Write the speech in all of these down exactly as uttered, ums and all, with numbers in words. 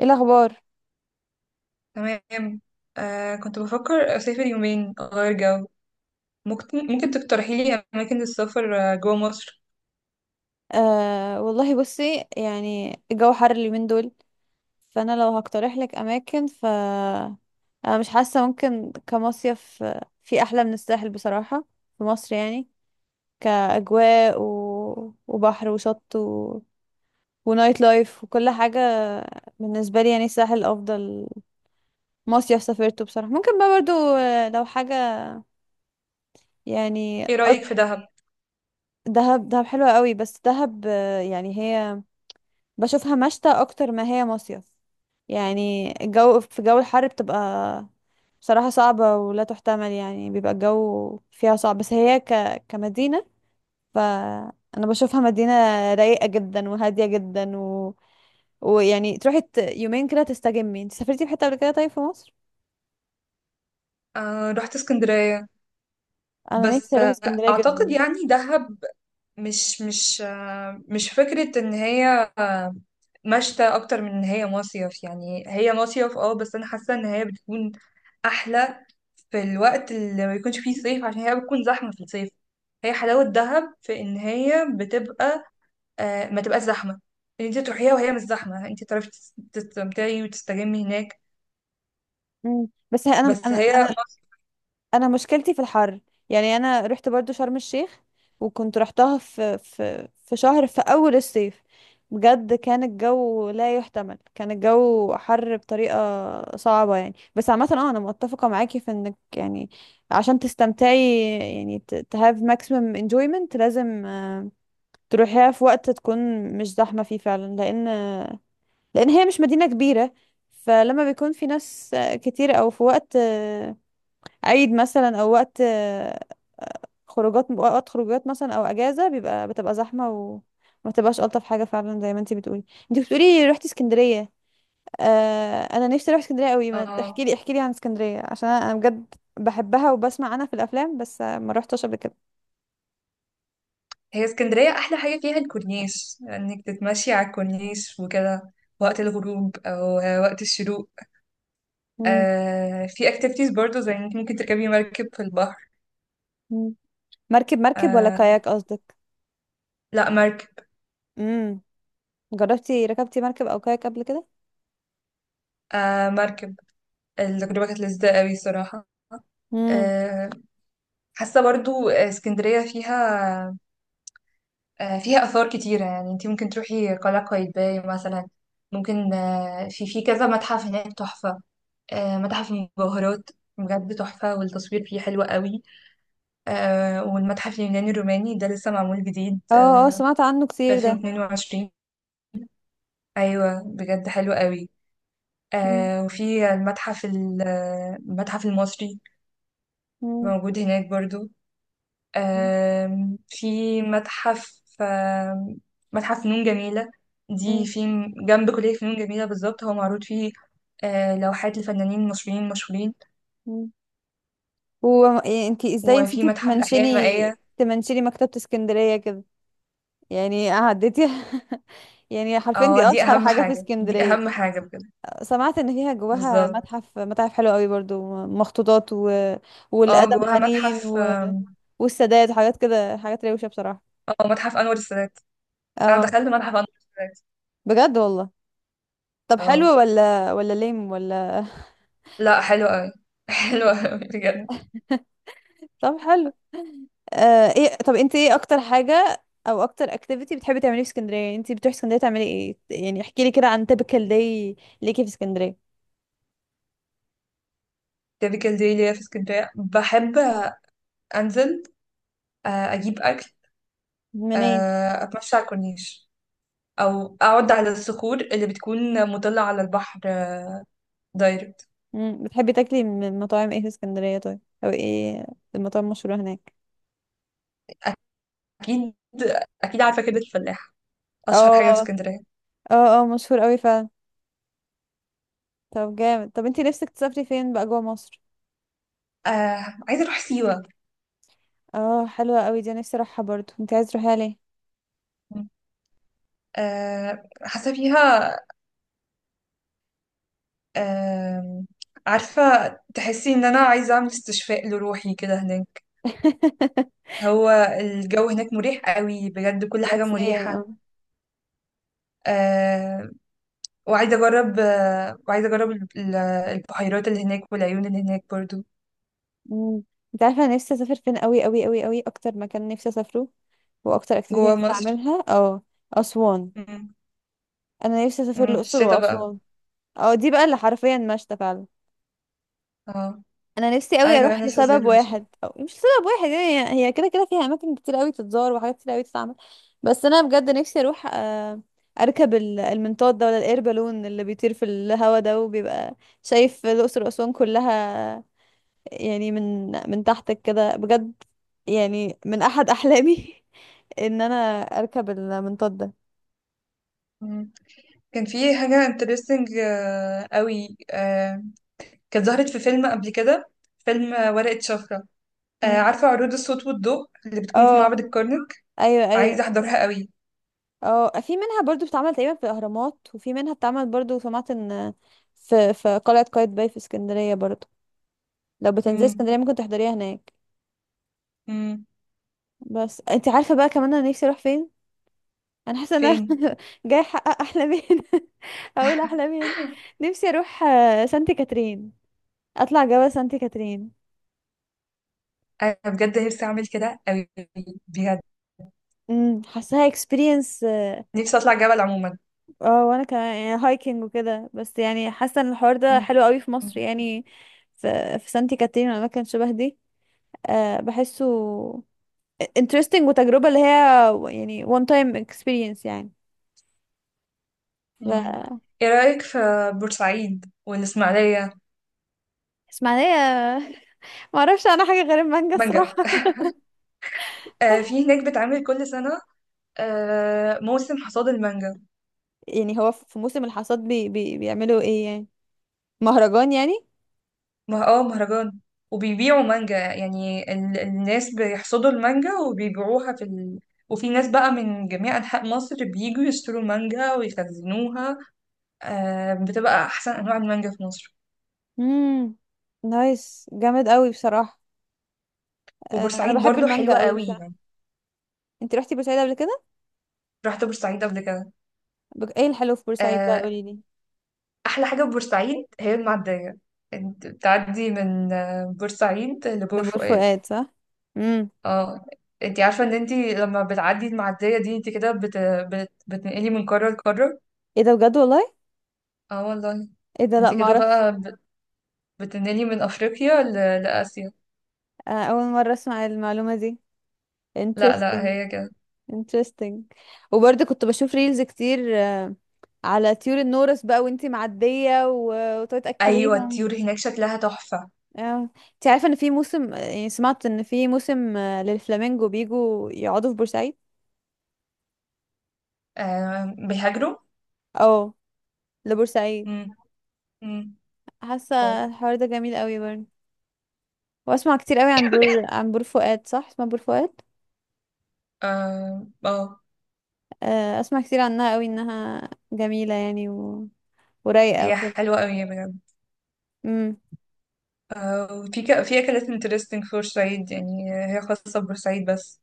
ايه الاخبار؟ تمام. آه كنت بفكر أسافر يومين أغير جو. ممكن ممكن تقترحي لي أماكن للسفر آه، جوا مصر. آه والله بصي، يعني الجو حر اليومين دول. فانا لو هقترح لك اماكن ف انا مش حاسه ممكن كمصيف، آه، في احلى من الساحل بصراحه، في مصر يعني. كاجواء و... وبحر وشط و... ونايت لايف وكل حاجه. بالنسبه لي يعني الساحل افضل مصيف سافرته بصراحه. ممكن بقى برضو، آه، لو حاجه يعني، إيه رأيك آه، في دهب؟ دهب، دهب حلوه قوي، بس دهب آه، يعني هي بشوفها مشتى اكتر ما هي مصيف. يعني الجو، في جو الحر بتبقى بصراحة صعبة ولا تحتمل، يعني بيبقى الجو فيها صعب، بس هي ك... كمدينة، فأنا بشوفها مدينة رايقة جدا وهادية جدا و... ويعني تروحي ت... يومين كده تستجمي. انت سافرتي في حتة قبل كده طيب في مصر؟ آه، رحت اسكندرية. أنا نفسي بس أروح آه اسكندرية أعتقد جدا. يعني دهب مش مش آه مش فكرة إن هي آه مشتى أكتر من إن هي مصيف. يعني هي مصيف اه بس أنا حاسة إن هي بتكون أحلى في الوقت اللي ما يكونش فيه صيف عشان هي بتكون زحمة في الصيف. هي حلاوة دهب في إن هي بتبقى آه، ما تبقاش زحمه. ان انت تروحيها وهي مش زحمه، انت تعرفي تس- تستمتعي وتستجمي هناك. مم. بس هي- أنا بس أنا هي أنا مصر انا مشكلتي في الحر، يعني انا رحت برضو شرم الشيخ، وكنت رحتها في في في شهر في اول الصيف. بجد كان الجو لا يحتمل، كان الجو حر بطريقة صعبة يعني. بس عامة اه انا متفقة معاكي في انك يعني عشان تستمتعي، يعني ت to have maximum enjoyment، لازم آه، تروحيها في وقت تكون مش زحمة فيه فعلا، لان لان هي مش مدينة كبيرة. فلما بيكون في ناس آه، كتير، او في وقت عيد مثلا، او وقت آه، خروجات، وقت خروجات مثلا او اجازه، بيبقى بتبقى زحمه وما تبقاش الطف حاجه فعلا، زي ما انتي بتقولي. انتي بتقولي رحتي اسكندريه. آه انا نفسي اروح اسكندريه قوي. ما اه تحكي لي احكي لي عن اسكندريه، عشان انا أنا بجد بحبها وبسمع عنها في الافلام، بس آه، ما روحتش قبل كده. هي اسكندريه احلى حاجه فيها الكورنيش، انك تتمشي على الكورنيش وكده وقت الغروب او وقت الشروق. مم. آه في اكتيفيتيز برضو زي انك ممكن تركبي مركب في البحر. مم. مركب، مركب ولا آه، كاياك قصدك؟ لا مركب. امم، جربتي ركبتي مركب او كاياك قبل كده؟ آه، مركب. التجربه كانت لذيذه قوي صراحه. امم. آه، حاسه برضو اسكندريه فيها آه، فيها آثار كتيرة، يعني انت ممكن تروحي قلعة قايتباي مثلا. ممكن آه، في في كذا متحف هناك تحفة. آه، متحف المجوهرات بجد تحفة، والتصوير فيه حلو قوي. آه، والمتحف اليوناني الروماني ده لسه معمول جديد اه اه، آه، سمعت عنه في كتير ده. ألفين واثنين وعشرين. أيوة بجد حلو قوي. مم. آه، وفي المتحف ال- آه، المتحف المصري مم. موجود هناك برضو. آم، في متحف آم، متحف فنون جميلة، دي مم. في جنب كلية فنون جميلة بالظبط. هو معروض فيه آه، لوحات لفنانين مصريين مشهورين، مم. هو انت ازاي وفي نسيتي متحف الأحياء تمنشني، المائية. تمنشني مكتبة اسكندرية كده؟ يعني عديتي؟ يعني حرفيا اه، دي دي اشهر أهم حاجة في حاجة، دي اسكندرية. أهم حاجة بجد. سمعت ان فيها جواها بالظبط. متحف، متاحف حلوة قوي برضو، مخطوطات و... اه، والادم جواها حنين متحف و... آم، والسادات وحاجات كده، حاجات روشة بصراحة. اه، متحف أنور السادات. أنا اه، دخلت متحف أنور السادات. بجد والله؟ طب اه، حلو ولا، ولا ليم ولا؟ لا حلو أوي حلو أوي بجد. طب حلو. آه ايه، طب انت ايه اكتر حاجة او اكتر اكتيفيتي بتحبي تعمليه في اسكندرية؟ انت بتروحي اسكندرية تعملي ايه يعني؟ احكي لي كده عن typical day ليكي في اسكندرية. تيبيكال دي ليا في اسكندرية بحب أنزل، آه، أجيب أكل، منين؟ آه، أتمشى على الكورنيش او اقعد على الصخور اللي بتكون مطلة على البحر آه، دايركت. مم. بتحبي تاكلي من مطاعم ايه في اسكندرية طيب؟ او ايه المطاعم المشهورة هناك؟ اكيد، اكيد عارفة كده الفلاح اشهر حاجة في اه، اسكندرية. اه اه مشهور قوي فعلا. طب جامد. طب انت نفسك تسافري فين بقى جوه مصر؟ آه عايزة اروح سيوة. اه حلوة قوي دي، أنا نفسي اروحها برضو. انت عايز تروحيها ليه؟ آه، حاسة فيها. آه عارفة، تحسي ان انا عايزة اعمل استشفاء لروحي كده هناك. هو الجو هناك مريح قوي بجد، كل حاجة نفسيا، اه. مريحة. آه وعايزة اجرب آه وعايزة اجرب ال- البحيرات اللي هناك والعيون اللي هناك برضو. مم. انت عارفة انا نفسي اسافر فين قوي قوي قوي قوي؟ اكتر مكان نفسي اسافره واكتر اكتيفيتي جوا نفسي مصر. اعملها، اه، اسوان. مم. انا نفسي اسافر مم، في الاقصر الشتا بقى. واسوان. اه دي بقى اللي حرفيا مشتى فعلا. اه، انا نفسي انا قوي اروح كمان لسه زي لسبب الرسل. واحد او مش لسبب واحد، يعني هي هي كده كده فيها اماكن كتير قوي تتزار وحاجات كتير قوي تتعمل. بس انا بجد نفسي اروح آه، اركب ال- المنطاد ده، ولا الاير بالون اللي بيطير في الهوا ده، وبيبقى شايف الاقصر واسوان كلها، يعني من من تحتك كده بجد. يعني من احد احلامي ان انا اركب المنطاد ده. كان في حاجه انترستنج قوي، آه، كانت ظهرت في فيلم قبل كده، فيلم آه، ورقه شفره. آه، مم. عارفه عروض الصوت والضوء اللي بتكون في اه معبد الكرنك، ايوه عايزه ايوه. احضرها قوي. اه، في منها برضو بتتعمل تقريبا في الاهرامات، وفي منها بتتعمل برضو، سمعت ان في في قلعه قايتباي في اسكندريه برضو، لو بتنزلي مم. اسكندريه ممكن تحضريها هناك. مم. بس انت عارفه بقى كمان انا نفسي اروح فين؟ انا حاسه ان انا فين؟ جاي احقق احلامين. اقول احلامين. نفسي اروح آه، سانت كاترين، اطلع جبل سانت كاترين. انا بجد نفسي اعمل كده قوي بجد، امم حاساها اكسبيرينس، اه. نفسي اطلع جبل عموما. آه، وانا كمان يعني هايكنج وكده، بس يعني حاسه ان الحوار ده مم. حلو قوي في مصر يعني، في في سانتي كاترين والاماكن شبه دي. آه، بحسه interesting، وتجربة اللي هي يعني one time experience يعني. مم. ف ايه رايك في بورسعيد والاسماعيليه؟ اسماعيلية. ما اعرفش انا حاجة غير المانجا الصراحة. مانجا، آه، في هناك بتعمل كل سنه آه، موسم حصاد المانجا. يعني هو في موسم الحصاد بي بي بيعملوا ايه يعني؟ مهرجان يعني؟ ما اه مهرجان، وبيبيعوا مانجا، يعني ال... الناس بيحصدوا المانجا وبيبيعوها في ال... وفي ناس بقى من جميع أنحاء مصر بييجوا يشتروا مانجا ويخزنوها. آه بتبقى أحسن أنواع المانجا في مصر. امم، نايس جامد قوي بصراحة. آه، انا وبورسعيد بحب برضو المانجا حلوة قوي قوي بصراحة. يعني. انت رحتي بورسعيد قبل كده؟ رحت بورسعيد قبل كده. بج- ايه الحلو في بورسعيد بقى؟ آه قولي لي. أحلى حاجة في بورسعيد هي المعدية. انت بتعدي من آه، بورسعيد ده لبور بور فؤاد. فؤاد صح؟ امم. اه. انت عارفة ان انت لما بتعدي المعدية دي انت كده بت... بت... بتنقلي من قارة لقارة. ايه ده بجد والله؟ اه والله. ايه ده، لا انت ما كده اعرفش. بقى بت- بتنقلي من افريقيا ل- لاسيا. آه، اول مرة اسمع المعلومة دي، لا interesting، لا، هي كده. interesting. وبرضه كنت بشوف ريلز كتير آه، على طيور النورس بقى وانتي معدية، و- وتقعدي ايوه، تأكليهم. الطيور هناك شكلها تحفه. اه. انت عارفة ان في موسم، يعني سمعت ان في موسم آه، للفلامينجو بيجوا يقعدوا في بورسعيد؟ آه، بيهاجروا. اه، لبورسعيد. امم. امم. حاسة اه. الحوار ده جميل قوي برضه. واسمع كتير قوي عن بور، عن بور فؤاد، صح اسمها بور فؤاد؟ اه. آه. آه، اسمع كتير عنها قوي انها جميلة يعني و... ورايقة هي وكده. حلوه قوي بجد. امم. آه، وفي ك... في اكلات انترستنج في بورسعيد، يعني هي خاصه ببورسعيد بس.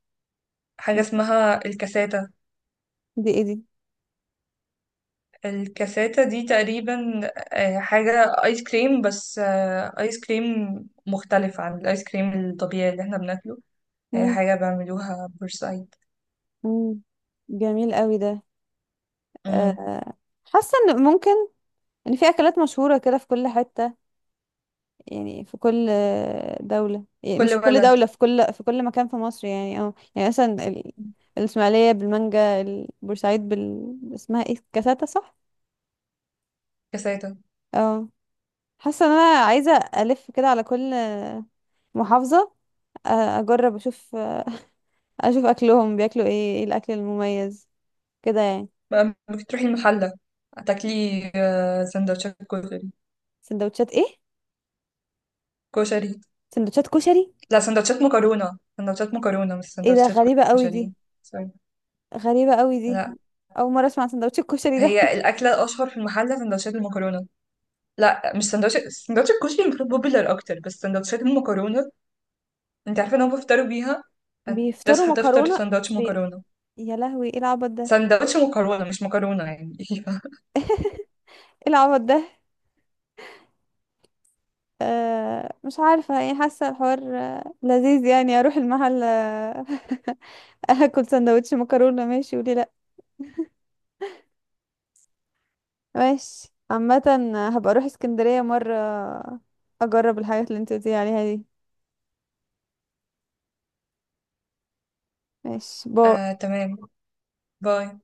حاجه اسمها الكاساتا. دي ايه دي؟ الكاساتا دي تقريبا آه، حاجه ايس كريم، بس آه، ايس كريم مختلف عن الايس كريم الطبيعي اللي احنا بناكله. هي امم. حاجه بعملوها بورسعيد. امم، جميل قوي ده. مم. آه، حاسة ان ممكن ان في اكلات مشهورة كده في كل حتة، يعني في كل آه، دولة، يعني مش كل في كل ولد. دولة، في كل في كل مكان في مصر يعني. اه يعني مثلا ال- الاسماعيلية بالمانجا، البورسعيد بال، اسمها ايه، كاساتا صح؟ كساتة. اه. حاسة ان انا عايزة الف كده على كل آه، محافظة، آه، اجرب اشوف، اشوف اكلهم بياكلوا ايه، ايه الاكل المميز كده يعني. بقى بتروحي المحلة تاكلي آه، سندوتشات كشري. سندوتشات ايه؟ كشري؟ سندوتشات كشري؟ لا، سندوتشات مكرونة، سندوتشات مكرونة مش ايه ده سندوتشات غريبة قوي دي. كشري. سوري. غريبة قوي دي. لا، أول مرة أسمع عن سندوتش الكشري ده. هي الأكلة الأشهر في المحلة سندوتشات المكرونة. لا مش سندوتشات، سندوتش الكشري المفروض بوبيلر أكتر، بس سندوتشات المكرونة. أنت عارفة إن هم بيفطروا بيها. تصحى بيفطروا تفطر مكرونة سندوتش بي... مكرونة. يا لهوي ايه العبط ده، ايه سندوتش مكرونة مش مكرونة يعني. العبط ده. آه مش عارفة، يعني حاسة الحوار آه، لذيذ يعني. أروح المحل آه، أكل سندوتش مكرونة، ماشي وليه لأ، ماشي عامة. هبقى أروح اسكندرية مرة أجرب الحاجات اللي انت قلتيلي عليها دي. ماشي، باي. آه، تمام. باي.